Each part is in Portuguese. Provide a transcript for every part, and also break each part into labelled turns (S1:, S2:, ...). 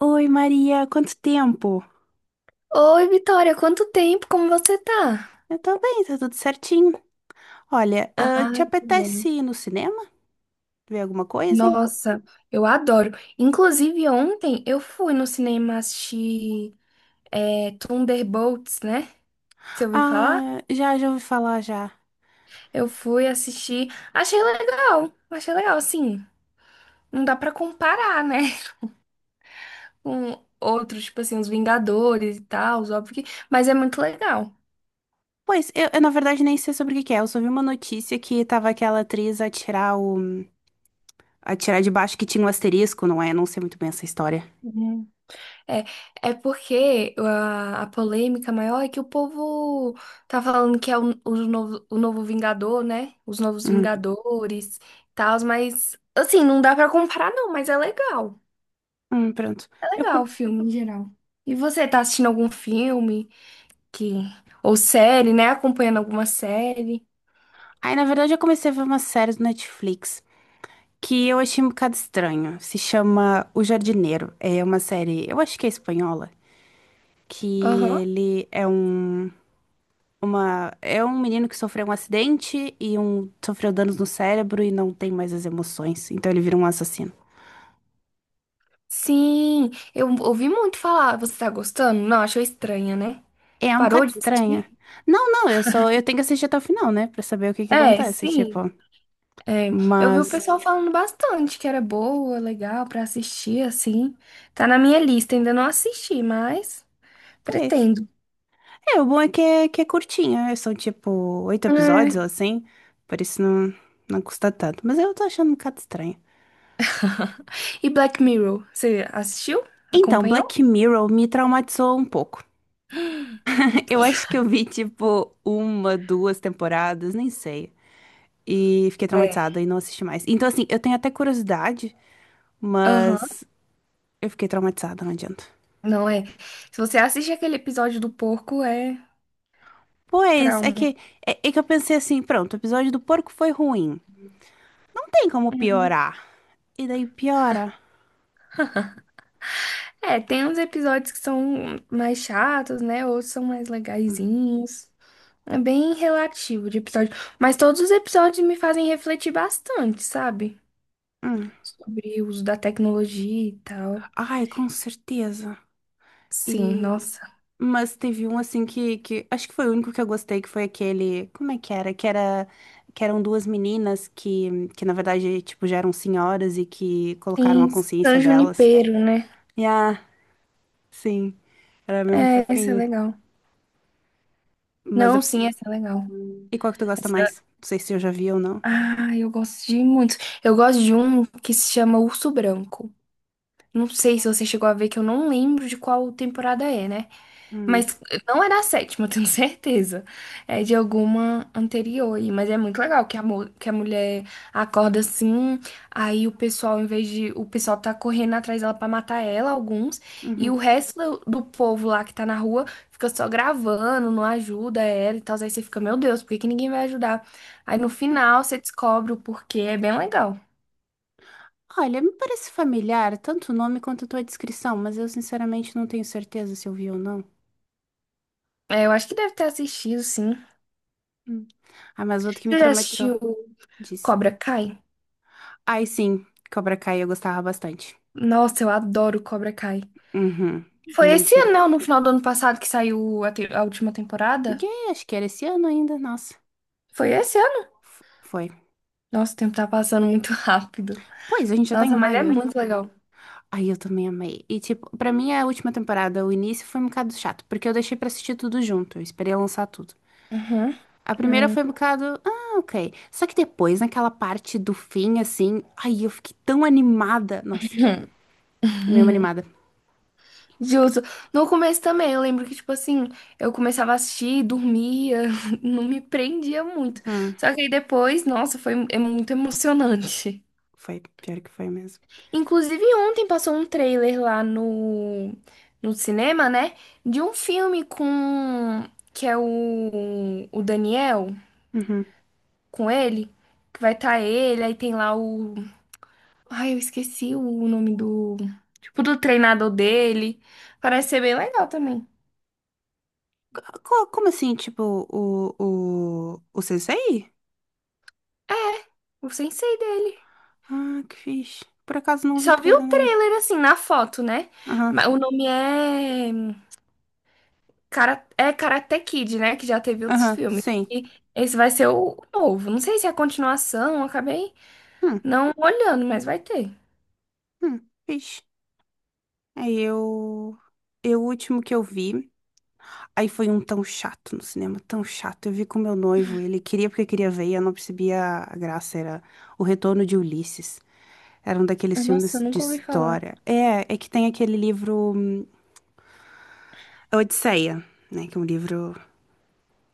S1: Oi, Maria, quanto tempo?
S2: Oi, Vitória, quanto tempo? Como você tá?
S1: Eu tô bem, tá tudo certinho. Olha, te
S2: Ai, que bom.
S1: apetece ir no cinema? Ver alguma coisa?
S2: Nossa, eu adoro. Inclusive, ontem eu fui no cinema assistir Thunderbolts, né? Você ouviu falar?
S1: Ah, já ouvi falar já.
S2: Eu fui assistir. Achei legal. Achei legal, assim. Não dá pra comparar, né? Com outros, tipo assim, os Vingadores e tal, óbvio que... Mas é muito legal.
S1: Pois, eu, na verdade nem sei sobre o que que é. Eu só vi uma notícia que tava aquela atriz a tirar o. A tirar de baixo que tinha um asterisco, não é? Não sei muito bem essa história.
S2: É, é porque a polêmica maior é que o povo tá falando que é o novo, o novo Vingador, né? Os novos
S1: Hum,
S2: Vingadores e tal, mas assim, não dá pra comparar não, mas é legal.
S1: pronto.
S2: É
S1: Eu,
S2: legal
S1: pro-
S2: o filme em geral. E você tá assistindo algum filme que ou série, né? Acompanhando alguma série?
S1: Aí, na verdade, eu comecei a ver uma série do Netflix que eu achei um bocado estranho. Se chama O Jardineiro. É uma série, eu acho que é espanhola. Que
S2: Aham.
S1: ele é um uma é um menino que sofreu um acidente e sofreu danos no cérebro e não tem mais as emoções, então ele vira um assassino.
S2: Sim, eu ouvi muito falar. Você tá gostando? Não, achou estranha, né?
S1: É um
S2: Parou
S1: bocado
S2: de
S1: estranha.
S2: assistir?
S1: Não, não, eu tenho que assistir até o final, né? Pra saber o que que
S2: É,
S1: acontece, tipo,
S2: sim. É, eu vi o
S1: mas
S2: pessoal falando bastante que era boa, legal pra assistir, assim. Tá na minha lista, ainda não assisti, mas
S1: pois.
S2: pretendo.
S1: É, o bom é que é curtinha, são tipo oito
S2: É.
S1: episódios ou assim, por isso não custa tanto, mas eu tô achando um bocado estranho.
S2: E Black Mirror, você assistiu?
S1: Então,
S2: Acompanhou?
S1: Black Mirror me traumatizou um pouco. Eu acho que eu vi, tipo, uma, duas temporadas, nem sei. E fiquei
S2: É.
S1: traumatizada e não assisti mais. Então, assim, eu tenho até curiosidade,
S2: Aham,
S1: mas eu fiquei traumatizada, não adianta.
S2: não é. Se você assiste aquele episódio do porco, é
S1: Pois, é
S2: trauma.
S1: que, é, é que eu pensei assim, pronto, o episódio do porco foi ruim. Não tem como
S2: Uhum.
S1: piorar. E daí piora.
S2: É, tem uns episódios que são mais chatos, né? Outros são mais legaizinhos. É bem relativo de episódio. Mas todos os episódios me fazem refletir bastante, sabe?
S1: Hum.
S2: Sobre o uso da tecnologia e tal.
S1: Ai, com certeza.
S2: Sim,
S1: E
S2: nossa.
S1: Mas teve um assim que acho que foi o único que eu gostei, que foi aquele, como é que era? Que era que eram duas meninas que na verdade tipo já eram senhoras e que colocaram a
S2: Sim,
S1: consciência
S2: San
S1: delas.
S2: Junipero, né?
S1: E sim, era mesmo
S2: É, essa é
S1: fofinho.
S2: legal.
S1: Mas eu-
S2: Não, sim, essa é legal.
S1: e qual que tu gosta
S2: Essa-
S1: mais? Não sei se eu já vi ou não.
S2: Ah, eu gosto de muitos. Eu gosto de um que se chama Urso Branco. Não sei se você chegou a ver, que eu não lembro de qual temporada é, né?
S1: Hum,
S2: Mas não é da sétima, eu tenho certeza. É de alguma anterior aí. Mas é muito legal que a mulher acorda assim. Aí o pessoal, em vez de. O pessoal tá correndo atrás dela pra matar ela, alguns. E o
S1: uhum.
S2: resto do povo lá que tá na rua fica só gravando, não ajuda ela e tal. Aí você fica, meu Deus, por que que ninguém vai ajudar? Aí no final você descobre o porquê. É bem legal.
S1: Olha, me parece familiar, tanto o nome quanto a tua descrição, mas eu sinceramente não tenho certeza se eu vi ou não.
S2: É, eu acho que deve ter assistido, sim.
S1: Hum. Ah, mas outro que me
S2: Você já
S1: traumatizou,
S2: assistiu
S1: disse.
S2: Cobra Kai?
S1: Ai, sim, Cobra Kai eu gostava bastante.
S2: Nossa, eu adoro Cobra Kai.
S1: Uhum,
S2: Foi
S1: muito
S2: esse ano,
S1: giro.
S2: não? No final do ano passado que saiu a última temporada?
S1: E aí, acho que era esse ano ainda, nossa.
S2: Foi esse ano?
S1: Foi.
S2: Nossa, o tempo tá passando muito rápido.
S1: Pois, a gente já tá em
S2: Nossa, mas é
S1: maio.
S2: muito legal.
S1: Aí eu também amei. E, tipo, pra mim a última temporada, o início foi um bocado chato, porque eu deixei pra assistir tudo junto, eu esperei lançar tudo.
S2: Uhum.
S1: A primeira
S2: Uhum.
S1: foi um bocado, ok. Só que depois, naquela parte do fim, assim, aí eu fiquei tão animada. Nossa, eu mesmo animada.
S2: Justo. No começo também, eu lembro que, tipo assim, eu começava a assistir, dormia, não me prendia muito.
S1: Hum,
S2: Só que aí depois, nossa, foi é muito emocionante.
S1: Foi, pior que foi mesmo.
S2: Inclusive, ontem passou um trailer lá no cinema, né? De um filme com. Que é o Daniel,
S1: Uhum.
S2: com ele. Que vai estar ele, aí tem lá o. Ai, eu esqueci o nome do. Tipo, do treinador dele. Parece ser bem legal também.
S1: Como assim, tipo, o Sensei?
S2: O sensei dele.
S1: Ah, que fixe. Por acaso não vi
S2: Só vi
S1: trailer,
S2: o
S1: não.
S2: trailer assim, na foto, né? Mas
S1: Aham,
S2: o nome é. Cara, é Karate Kid, né? Que já teve outros
S1: aham,
S2: filmes.
S1: sim.
S2: E esse vai ser o novo. Não sei se é a continuação, eu acabei
S1: Hum,
S2: não olhando, mas vai ter.
S1: hum, vixe. Aí eu. Eu, o último que eu vi, aí foi um tão chato no cinema, tão chato. Eu vi com meu noivo, ele queria porque queria ver e eu não percebia a graça. Era O Retorno de Ulisses. Era um daqueles
S2: Nossa, eu
S1: filmes de
S2: nunca ouvi falar.
S1: história. É, é que tem aquele livro A Odisseia, né? Que é um livro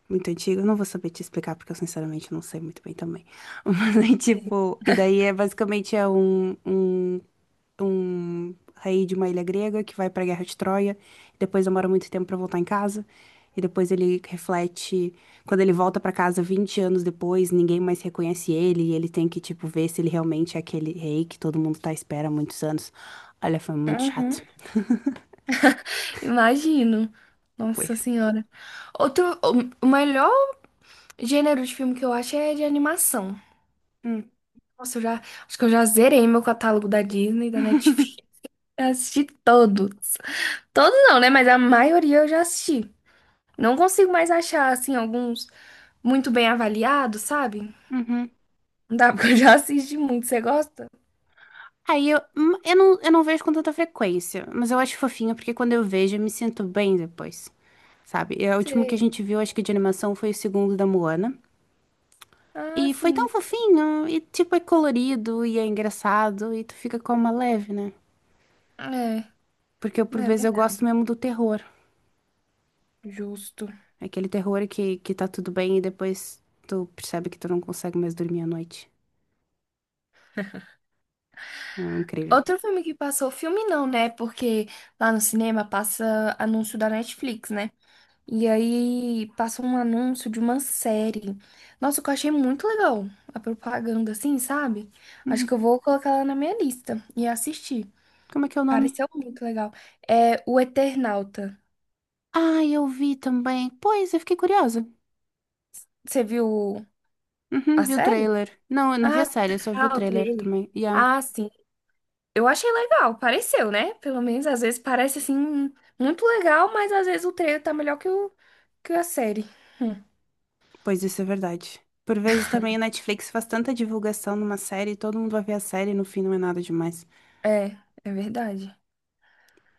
S1: muito antigo. Eu não vou saber te explicar porque eu sinceramente não sei muito bem também. Mas aí, tipo, e daí é basicamente um rei de uma ilha grega que vai para a Guerra de Troia, depois demora muito tempo para voltar em casa, e depois ele reflete, quando ele volta para casa 20 anos depois, ninguém mais reconhece ele, e ele tem que, tipo, ver se ele realmente é aquele rei que todo mundo tá à espera há muitos anos. Olha, foi muito
S2: Uhum.
S1: chato.
S2: Imagino.
S1: Pois.
S2: Nossa Senhora. Outro, o melhor gênero de filme que eu acho é de animação.
S1: Hum.
S2: Nossa, acho que eu já zerei meu catálogo da Disney, da Netflix. Eu assisti todos. Todos não, né? Mas a maioria eu já assisti. Não consigo mais achar, assim, alguns muito bem avaliados, sabe?
S1: Uhum.
S2: Não dá porque eu já assisti muito. Você gosta?
S1: Aí eu não vejo com tanta frequência, mas eu acho fofinho porque quando eu vejo eu me sinto bem depois, sabe? E o último que a
S2: Sei.
S1: gente viu, acho que de animação, foi o segundo da Moana.
S2: Ah,
S1: E foi tão
S2: sim.
S1: fofinho, e tipo, é colorido e é engraçado, e tu fica com uma leve, né?
S2: É,
S1: Porque por
S2: é
S1: vezes eu
S2: verdade.
S1: gosto mesmo do terror.
S2: Justo.
S1: É aquele terror que tá tudo bem e depois tu percebe que tu não consegue mais dormir à noite. É incrível.
S2: Outro filme que passou, filme não, né? Porque lá no cinema passa anúncio da Netflix, né? E aí passa um anúncio de uma série. Nossa, que eu achei muito legal a propaganda, assim, sabe? Acho que
S1: Uhum.
S2: eu vou colocar ela na minha lista e assistir.
S1: Como é que é o nome?
S2: Pareceu muito legal. É O Eternauta.
S1: Ah, eu vi também. Pois, eu fiquei curiosa.
S2: Você viu
S1: Uhum,
S2: a
S1: vi o
S2: série?
S1: trailer. Não, eu não vi a
S2: Ah,
S1: série, eu só vi o
S2: tá, o
S1: trailer
S2: trailer.
S1: também. Yeah.
S2: Ah, sim. Eu achei legal, pareceu, né? Pelo menos às vezes parece assim muito legal, mas às vezes o trailer tá melhor que, o, que a série.
S1: Pois isso é verdade. Por vezes também o Netflix faz tanta divulgação numa série, todo mundo vai ver a série e no fim não é nada demais.
S2: É, é verdade.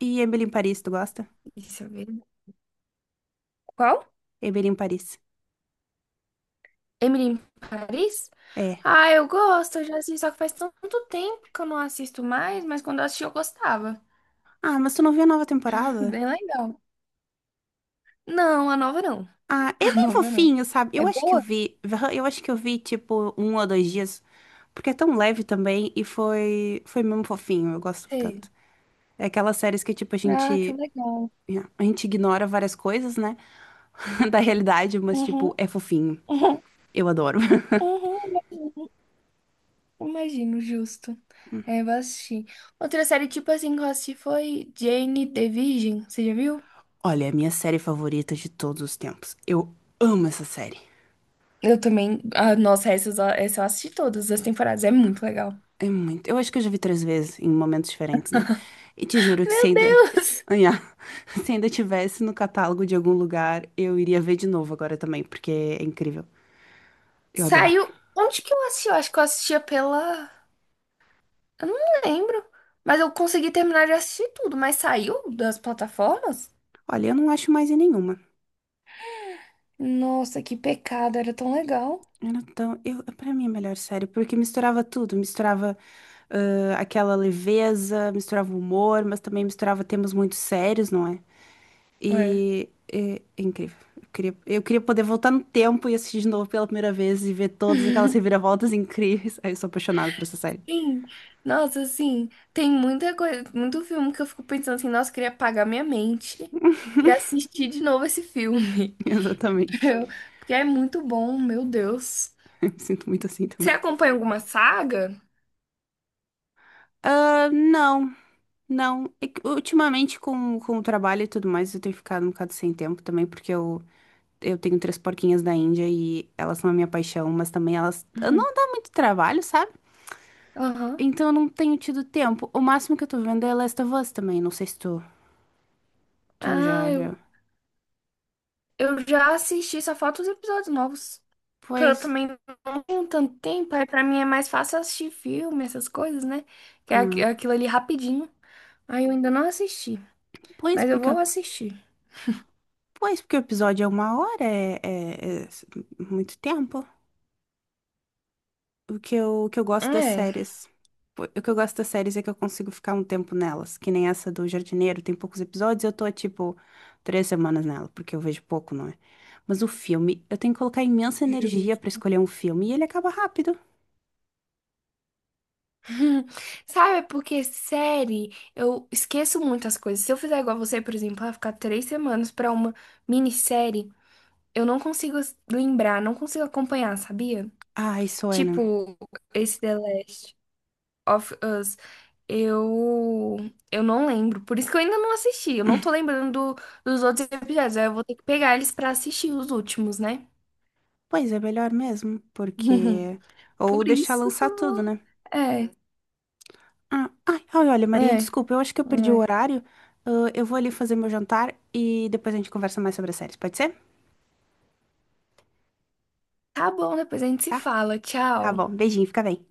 S1: E Emily em Paris, tu gosta?
S2: Isso é verdade. Qual?
S1: Eber em Paris.
S2: Emily em Paris?
S1: É.
S2: Ah, eu gosto, eu já assisti, só que faz tanto tempo que eu não assisto mais, mas quando eu assisti eu gostava.
S1: Ah, mas tu não viu a nova temporada?
S2: Bem legal. Não, a nova não.
S1: Ah, é
S2: A
S1: bem
S2: nova não.
S1: fofinho, sabe?
S2: É
S1: Eu acho que eu
S2: boa?
S1: vi, eu acho que eu vi tipo 1 ou 2 dias, porque é tão leve também e foi mesmo fofinho. Eu gosto
S2: Sei.
S1: tanto. É aquelas séries que tipo a
S2: Ah, que
S1: gente,
S2: legal.
S1: yeah, a gente ignora várias coisas, né, da realidade, mas tipo
S2: Uhum,
S1: é fofinho.
S2: uhum,
S1: Eu adoro.
S2: uhum. Uhum. Imagino, justo. É, vou assistir. Outra série, tipo assim, que eu assisti foi Jane the Virgin. Você já viu?
S1: Olha, é a minha série favorita de todos os tempos. Eu amo essa série.
S2: Eu também. Ah, nossa, essa eu assisti todas as temporadas. É muito legal.
S1: É muito. Eu acho que eu já vi três vezes em momentos diferentes, né? E te juro que se
S2: Meu
S1: ainda.
S2: Deus!
S1: Anhá, se ainda tivesse no catálogo de algum lugar, eu iria ver de novo agora também, porque é incrível. Eu adoro.
S2: Saiu. Onde que eu assisti? Eu acho que eu assistia pela. Eu não lembro. Mas eu consegui terminar de assistir tudo, mas saiu das plataformas?
S1: Olha, eu não acho mais em nenhuma.
S2: Nossa, que pecado, era tão legal.
S1: Pra mim é a melhor série, porque misturava tudo. Misturava aquela leveza, misturava humor, mas também misturava temas muito sérios, não é?
S2: É.
S1: E é incrível. Eu queria poder voltar no tempo e assistir de novo pela primeira vez e ver todas aquelas reviravoltas incríveis. Ai, eu sou apaixonada por essa série.
S2: Sim, nossa, assim, tem muita coisa, muito filme que eu fico pensando assim, nossa, eu queria apagar minha mente e assistir de novo esse filme.
S1: Exatamente.
S2: Eu- Porque é muito bom, meu Deus.
S1: Eu me sinto muito assim
S2: Você
S1: também.
S2: acompanha alguma saga?
S1: Ah, não, não. É que ultimamente, com o trabalho e tudo mais, eu tenho ficado um bocado sem tempo também, porque eu tenho três porquinhas da Índia e elas são a minha paixão, mas também elas
S2: Uhum.
S1: não dá muito trabalho, sabe?
S2: Aham.
S1: Então eu não tenho tido tempo. O máximo que eu tô vendo é Last of Us também. Não sei se tu
S2: Ah,
S1: já
S2: eu,
S1: viu.
S2: eu já assisti, só falta os episódios novos. Porque eu
S1: Pois.
S2: também não tenho tanto tempo, aí pra mim é mais fácil assistir filme, essas coisas, né? Que é
S1: Ah,
S2: aquilo ali rapidinho. Aí eu ainda não assisti,
S1: pois,
S2: mas eu
S1: porque,
S2: vou assistir.
S1: pois, porque o episódio é 1 hora, é muito tempo. O que eu gosto das
S2: É.
S1: séries. O que eu gosto das séries é que eu consigo ficar um tempo nelas, que nem essa do Jardineiro, tem poucos episódios, eu tô, tipo, 3 semanas nela, porque eu vejo pouco, não é? Mas o filme, eu tenho que colocar imensa energia pra escolher um filme e ele acaba rápido.
S2: Hum, sabe, porque série, eu esqueço muitas coisas. Se eu fizer igual você, por exemplo, vai ficar 3 semanas pra uma minissérie, eu não consigo lembrar, não consigo acompanhar, sabia?
S1: Ai, Suena.
S2: Tipo, esse The Last of Us, eu, eu não lembro. Por isso que eu ainda não assisti. Eu não tô lembrando dos outros episódios. Aí eu vou ter que pegar eles pra assistir os últimos, né?
S1: Pois é melhor mesmo, porque. Ou
S2: Por
S1: deixar
S2: isso que
S1: lançar
S2: eu
S1: tudo,
S2: vou.
S1: né?
S2: É,
S1: Ah, ai, ai, olha,
S2: é,
S1: Maria, desculpa, eu acho que eu perdi o
S2: é.
S1: horário. Ah, eu vou ali fazer meu jantar e depois a gente conversa mais sobre as séries, pode ser?
S2: Tá bom, depois a gente se
S1: Tá?
S2: fala.
S1: Tá
S2: Tchau.
S1: bom, beijinho, fica bem.